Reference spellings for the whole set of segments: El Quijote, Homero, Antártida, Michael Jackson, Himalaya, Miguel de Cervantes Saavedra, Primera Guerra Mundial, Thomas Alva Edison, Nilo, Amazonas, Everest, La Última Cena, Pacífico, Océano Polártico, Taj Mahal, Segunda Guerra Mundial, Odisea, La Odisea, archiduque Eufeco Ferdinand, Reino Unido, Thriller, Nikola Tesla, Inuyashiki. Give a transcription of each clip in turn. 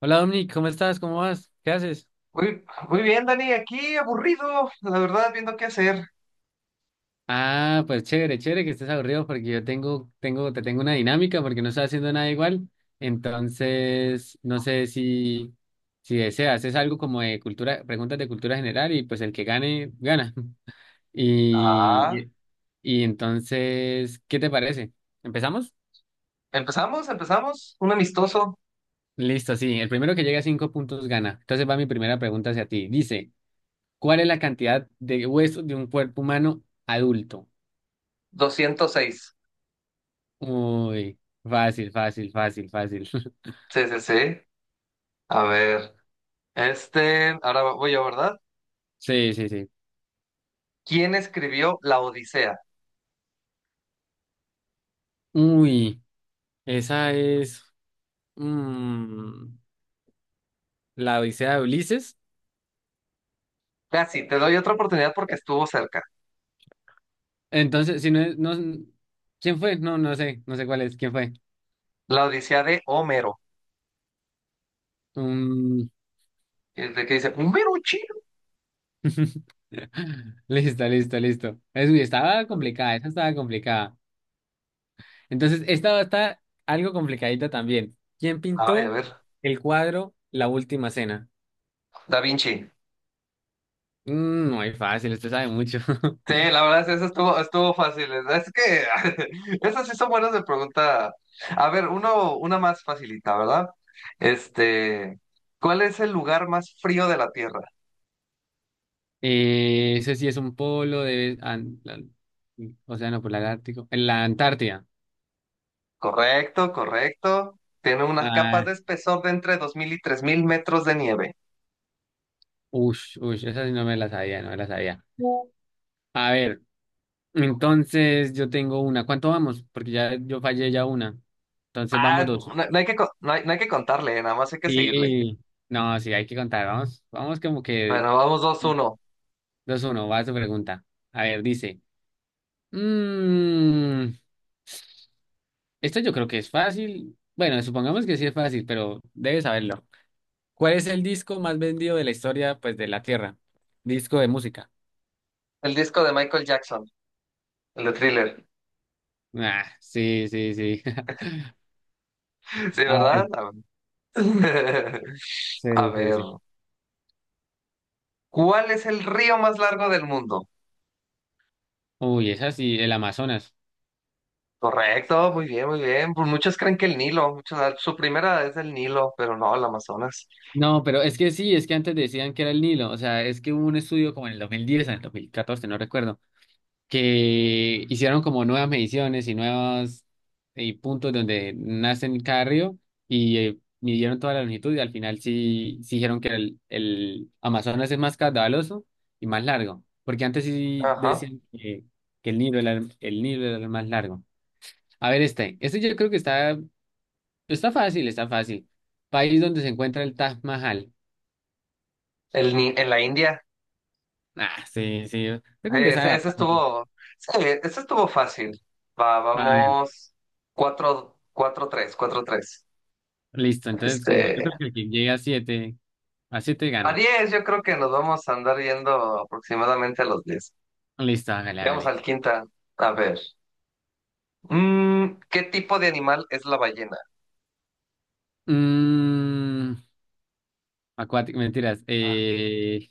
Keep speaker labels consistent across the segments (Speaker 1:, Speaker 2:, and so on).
Speaker 1: Hola Dominic, ¿cómo estás? ¿Cómo vas? ¿Qué haces?
Speaker 2: Muy, muy bien, Dani, aquí aburrido, la verdad, viendo qué hacer.
Speaker 1: Ah, pues chévere, chévere que estés aburrido porque yo tengo, tengo, te tengo una dinámica porque no estoy haciendo nada igual. Entonces, no sé si, si deseas, es algo como de cultura, preguntas de cultura general y pues el que gane, gana. Y,
Speaker 2: Ah,
Speaker 1: y y entonces, ¿qué te parece? ¿Empezamos?
Speaker 2: empezamos, empezamos. Un amistoso,
Speaker 1: Listo, sí, el primero que llegue a cinco puntos gana. Entonces va mi primera pregunta hacia ti. Dice, ¿cuál es la cantidad de huesos de un cuerpo humano adulto?
Speaker 2: 206.
Speaker 1: Uy, fácil, fácil, fácil, fácil.
Speaker 2: Sí, sí, sí. A ver, este, ahora voy yo, ¿verdad?
Speaker 1: Sí, sí, sí.
Speaker 2: ¿Quién escribió La Odisea?
Speaker 1: Uy, esa es mm, la Odisea de Ulises.
Speaker 2: Casi, te doy otra oportunidad porque estuvo cerca.
Speaker 1: Entonces, si no es, no, ¿quién fue? No, no sé, no sé cuál es, ¿quién fue?
Speaker 2: La Odisea de Homero.
Speaker 1: Mm.
Speaker 2: ¿De qué dice? Homero chino.
Speaker 1: Listo, listo, listo. Es, uy, estaba complicada, esa estaba complicada. Entonces, esta está algo complicadita también. ¿Quién
Speaker 2: Ay, a
Speaker 1: pintó
Speaker 2: ver,
Speaker 1: el cuadro La Última Cena?
Speaker 2: Da Vinci.
Speaker 1: Mm, muy fácil, usted sabe mucho.
Speaker 2: Sí, la verdad es que eso estuvo fácil. Es que esas sí son buenas de pregunta. A ver, uno, una más facilita, ¿verdad? Este, ¿cuál es el lugar más frío de la Tierra?
Speaker 1: Ese sí es un polo de... Océano Polártico. En la Antártida.
Speaker 2: Correcto, correcto. Tiene unas capas
Speaker 1: Ah,
Speaker 2: de espesor de entre 2000 y 3000 metros de nieve.
Speaker 1: ush, ush, esa sí no me la sabía, no me la sabía. A ver, entonces yo tengo una. ¿Cuánto vamos? Porque ya yo fallé ya una. Entonces vamos
Speaker 2: Ah,
Speaker 1: dos.
Speaker 2: no, no hay que, co- no hay, no hay que contarle, nada más hay que seguirle.
Speaker 1: Sí, no, sí, hay que contar. Vamos, vamos como que
Speaker 2: Bueno, vamos dos uno.
Speaker 1: dos uno. Va su pregunta. A ver, dice. Mmm, esto yo creo que es fácil. Bueno, supongamos que sí es fácil, pero debes saberlo. ¿Cuál es el disco más vendido de la historia, pues, de la Tierra? Disco de música.
Speaker 2: El disco de Michael Jackson, el de Thriller.
Speaker 1: Ah, sí, sí, sí.
Speaker 2: Sí,
Speaker 1: A
Speaker 2: ¿verdad?
Speaker 1: ver,
Speaker 2: A ver,
Speaker 1: sí,
Speaker 2: a
Speaker 1: sí,
Speaker 2: ver,
Speaker 1: sí.
Speaker 2: ¿cuál es el río más largo del mundo?
Speaker 1: Uy, esa sí, el Amazonas.
Speaker 2: Correcto, muy bien, muy bien. Pues muchos creen que el Nilo, muchos, su primera es el Nilo, pero no, el Amazonas.
Speaker 1: No, pero es que sí, es que antes decían que era el Nilo. O sea, es que hubo un estudio como en el 2010, en el 2014, no recuerdo, que hicieron como nuevas mediciones y nuevos puntos donde nacen cada río y midieron toda la longitud y al final sí, sí dijeron que el Amazonas es más caudaloso y más largo, porque antes sí
Speaker 2: Ajá.
Speaker 1: decían que el Nilo era, el Nilo era el más largo. A ver este, este yo creo que está fácil, está fácil. País donde se encuentra el Taj Mahal.
Speaker 2: El, Ni- en la India.
Speaker 1: Ah, sí, sí, usted como que
Speaker 2: Eh,
Speaker 1: sabe
Speaker 2: Ese, ese
Speaker 1: bastante.
Speaker 2: estuvo, sí, ese estuvo fácil. Va,
Speaker 1: A ver,
Speaker 2: vamos, cuatro, cuatro, tres, cuatro, tres.
Speaker 1: listo, entonces
Speaker 2: Este,
Speaker 1: como yo creo que el que llegue a siete
Speaker 2: a
Speaker 1: gana.
Speaker 2: diez, yo creo que nos vamos a andar yendo aproximadamente a los diez.
Speaker 1: Listo, hágale,
Speaker 2: Veamos
Speaker 1: hágale.
Speaker 2: al quinta. A ver. ¿Qué tipo de animal es la ballena?
Speaker 1: Mm, acuático, mentiras.
Speaker 2: Ah,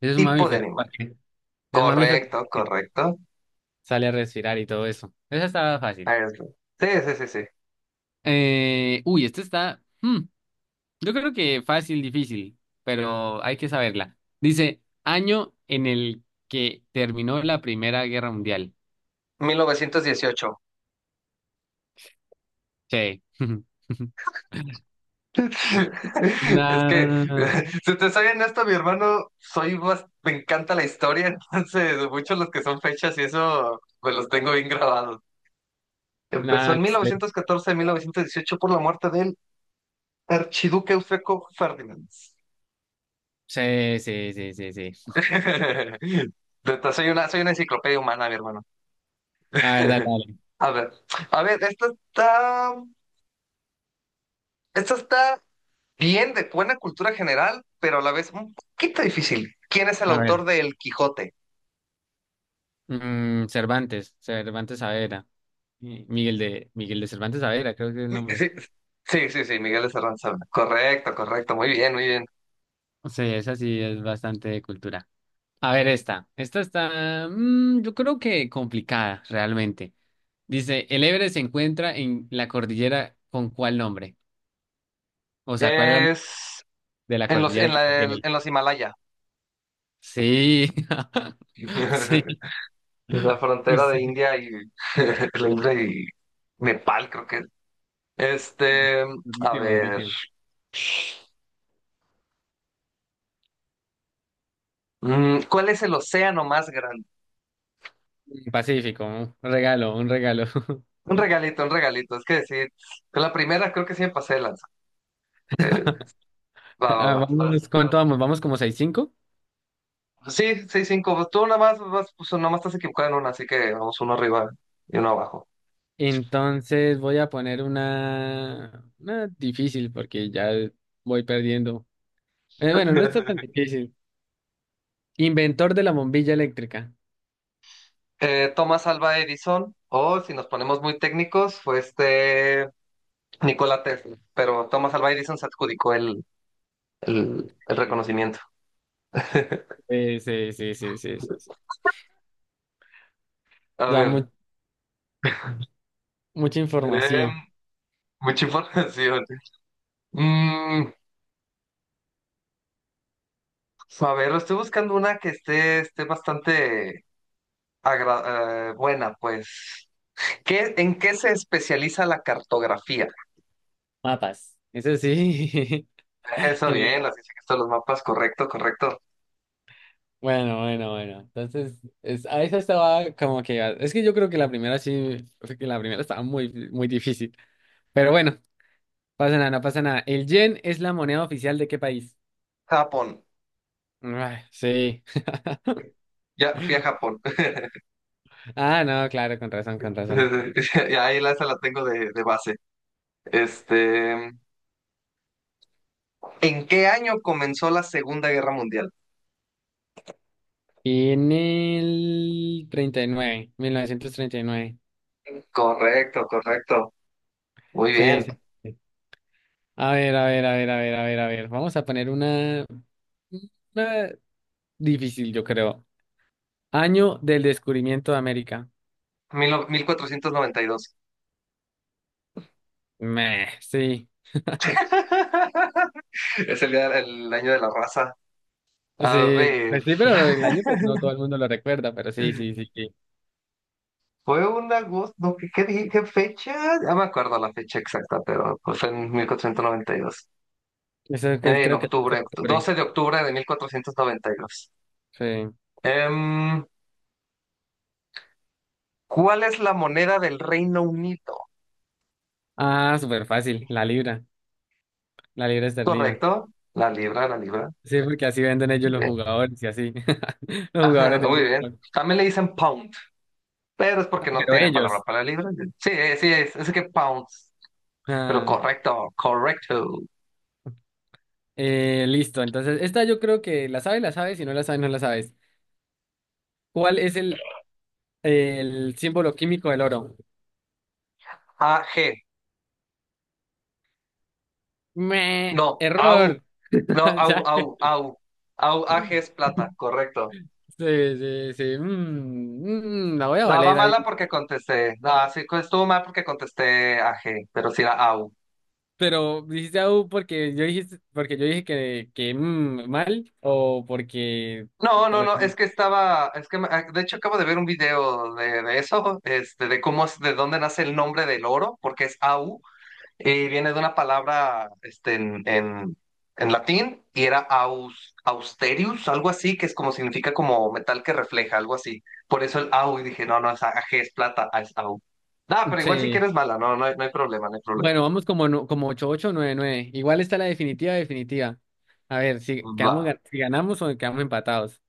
Speaker 1: Es un
Speaker 2: tipo de
Speaker 1: mamífero,
Speaker 2: animal.
Speaker 1: porque es un mamífero
Speaker 2: Correcto,
Speaker 1: porque
Speaker 2: correcto.
Speaker 1: sale a respirar y todo eso. Esa estaba fácil.
Speaker 2: Ahí está. Sí, sí, sí, sí.
Speaker 1: Uy, esta está. Yo creo que fácil, difícil, pero hay que saberla. Dice, año en el que terminó la Primera Guerra Mundial.
Speaker 2: Mil novecientos dieciocho.
Speaker 1: Sí.
Speaker 2: Es que,
Speaker 1: Nah,
Speaker 2: si te soy honesto, mi hermano, me encanta la historia, entonces muchos los que son fechas y eso, pues los tengo bien grabados. Empezó
Speaker 1: nah,
Speaker 2: en mil
Speaker 1: sí,
Speaker 2: novecientos catorce 1918 por la muerte del archiduque Eufeco Ferdinand.
Speaker 1: sí, sí, sí, sí.
Speaker 2: Soy una enciclopedia humana, mi hermano.
Speaker 1: A ver, dale, dale.
Speaker 2: A ver, a ver, esta está bien, de buena cultura general, pero a la vez un poquito difícil. ¿Quién es el
Speaker 1: A ver.
Speaker 2: autor de El Quijote?
Speaker 1: Mm, Cervantes, Cervantes Saavedra. Miguel de Cervantes Saavedra, creo que es el nombre.
Speaker 2: Sí, sí, sí, sí, Miguel de Cervantes Saavedra. Correcto, correcto. Muy bien, muy bien.
Speaker 1: Sí, esa sí es bastante de cultura. A ver, esta. Esta está, mm, yo creo que complicada, realmente. Dice, ¿el Everest se encuentra en la cordillera con cuál nombre? O sea, ¿cuál es la
Speaker 2: Es
Speaker 1: de la
Speaker 2: en los,
Speaker 1: cordillera
Speaker 2: en
Speaker 1: que
Speaker 2: la,
Speaker 1: contiene el...?
Speaker 2: en los Himalaya.
Speaker 1: Sí, sí,
Speaker 2: Es la
Speaker 1: sí,
Speaker 2: frontera de
Speaker 1: sí.
Speaker 2: India y, la India y Nepal, creo que es. Este, a
Speaker 1: Durísimo,
Speaker 2: ver,
Speaker 1: durísimo.
Speaker 2: ¿cuál es el océano más grande?
Speaker 1: Pacífico, un regalo, un regalo.
Speaker 2: Un regalito, un regalito. Es que sí, con la primera creo que sí me pasé de lanza. Eh, va,
Speaker 1: Ah,
Speaker 2: va, va.
Speaker 1: vamos, ¿cuánto vamos? ¿Vamos como seis cinco?
Speaker 2: Sí, seis cinco. Pues tú nada más, pues, nada más estás equivocado en una, así que vamos uno arriba y uno abajo.
Speaker 1: Entonces voy a poner una difícil porque ya voy perdiendo. Bueno, no está tan difícil. Inventor de la bombilla eléctrica.
Speaker 2: Thomas Alva Edison, o si nos ponemos muy técnicos, fue Nikola Tesla. Pero Thomas Alva Edison se adjudicó el, el reconocimiento.
Speaker 1: Sí, sí, sí, sí, sí, sí.
Speaker 2: A
Speaker 1: Ya
Speaker 2: ver,
Speaker 1: mu- mucha
Speaker 2: em,
Speaker 1: información.
Speaker 2: mucha información. Mm, a ver, estoy buscando una que esté bastante buena, pues. ¿En qué se especializa la cartografía?
Speaker 1: Mapas. Eso sí.
Speaker 2: Eso bien,
Speaker 1: El...
Speaker 2: así sé que están los mapas, correcto, correcto.
Speaker 1: Bueno, bueno, bueno. Entonces, a esa estaba como que... Es que yo creo que la primera sí, fue que la primera estaba muy, muy difícil. Pero bueno, pasa nada, no pasa nada. ¿El yen es la moneda oficial de qué país?
Speaker 2: Japón.
Speaker 1: Ah, sí.
Speaker 2: Ya fui a Japón.
Speaker 1: Ah, no, claro, con razón,
Speaker 2: Y
Speaker 1: con razón.
Speaker 2: ahí la, esa la tengo de base. Este, ¿En qué año comenzó la Segunda Guerra Mundial?
Speaker 1: Y en el 39, 1939.
Speaker 2: Correcto, correcto. Muy
Speaker 1: Sí,
Speaker 2: bien.
Speaker 1: sí, sí. A ver, a ver, a ver, a ver, a ver, a ver. Vamos a poner una difícil, yo creo. Año del descubrimiento de América.
Speaker 2: Mil no- 1492.
Speaker 1: Meh, sí.
Speaker 2: Es el día, el año de la raza. A
Speaker 1: Sí,
Speaker 2: ver,
Speaker 1: pues sí, pero el año, pues no todo el mundo lo recuerda, pero sí, sí, sí, sí.
Speaker 2: fue un agosto, no, ¿qué dije? ¿Qué fecha? Ya me acuerdo la fecha exacta, pero pues fue en 1492.
Speaker 1: Eso fue,
Speaker 2: En
Speaker 1: creo que el 12
Speaker 2: octubre,
Speaker 1: de octubre.
Speaker 2: 12 de octubre de 1492.
Speaker 1: Sí.
Speaker 2: Em, ¿Cuál es la moneda del Reino Unido?
Speaker 1: Ah, súper fácil. La libra esterlina.
Speaker 2: ¿Correcto? La libra, la libra.
Speaker 1: Sí, porque así venden ellos los
Speaker 2: Bien.
Speaker 1: jugadores y así. Los
Speaker 2: Ajá,
Speaker 1: jugadores de
Speaker 2: muy bien.
Speaker 1: fútbol.
Speaker 2: También le dicen pound, pero es porque no
Speaker 1: Pero
Speaker 2: tienen palabra
Speaker 1: ellos.
Speaker 2: para la libra. Sí, sí, es que pounds. Pero
Speaker 1: Ah,
Speaker 2: correcto, correcto.
Speaker 1: listo. Entonces, esta yo creo que la sabes, la sabes. Si no la sabes, no la sabes. ¿Cuál es el símbolo químico del oro?
Speaker 2: A G
Speaker 1: Me,
Speaker 2: No, AU.
Speaker 1: error.
Speaker 2: No, AU,
Speaker 1: Ya.
Speaker 2: AU, AU. AU, A G es plata, correcto.
Speaker 1: Sí, sí, sí. Mm, mm, la voy a
Speaker 2: No, va
Speaker 1: valer ahí.
Speaker 2: mala porque contesté. No, sí, estuvo mal porque contesté A G pero sí era AU.
Speaker 1: Pero dijiste au porque yo dijiste, porque yo dije que, mal o porque.
Speaker 2: No, no, no, es
Speaker 1: re-
Speaker 2: que estaba, es que ah, de hecho acabo de ver un video de eso, de cómo es, de dónde nace el nombre del oro, porque es au, y viene de una palabra, en latín, y era aus, austerius, algo así, que es como significa como metal que refleja, algo así. Por eso el au, y dije, no, no, es AG, es plata, ah, es au. Ah, pero igual si
Speaker 1: Sí.
Speaker 2: quieres mala, no, no, no hay problema, no hay problema.
Speaker 1: Bueno, vamos como, como ocho ocho nueve nueve. Igual está la definitiva, definitiva. A ver, si,
Speaker 2: Va,
Speaker 1: quedamos, si ganamos o quedamos empatados.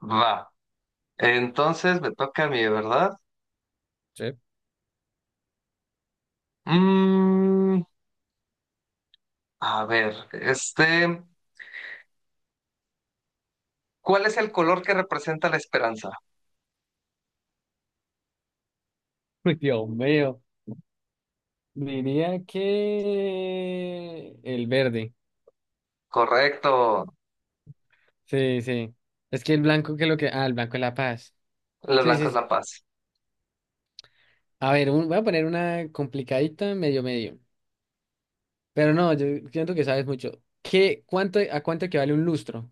Speaker 2: va. Entonces me toca a mí, ¿verdad?
Speaker 1: Sí.
Speaker 2: Mm, a ver, este. ¿Cuál es el color que representa la esperanza?
Speaker 1: Uy, Dios mío. Diría que el verde.
Speaker 2: Correcto.
Speaker 1: Sí, sí. Es que el blanco, ¿qué es lo que? Ah, el blanco es la paz.
Speaker 2: La
Speaker 1: Sí,
Speaker 2: blanca
Speaker 1: sí,
Speaker 2: es
Speaker 1: sí.
Speaker 2: la paz.
Speaker 1: A ver, voy a poner una complicadita medio medio. Pero no, yo siento que sabes mucho. ¿Qué, cuánto, a cuánto equivale un lustro?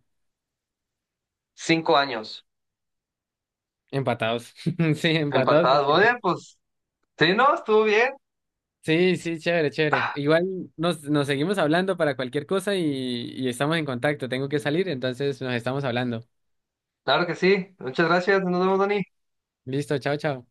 Speaker 2: 5 años.
Speaker 1: Empatados. Sí, empatados.
Speaker 2: Empatadas. Muy bien, pues. Sí, no, estuvo bien.
Speaker 1: Sí, sí, chévere, chévere.
Speaker 2: Ah,
Speaker 1: Igual nos, nos seguimos hablando para cualquier cosa y estamos en contacto. Tengo que salir, entonces nos estamos hablando.
Speaker 2: claro que sí. Muchas gracias. Nos vemos, Dani.
Speaker 1: Listo, chao, chao.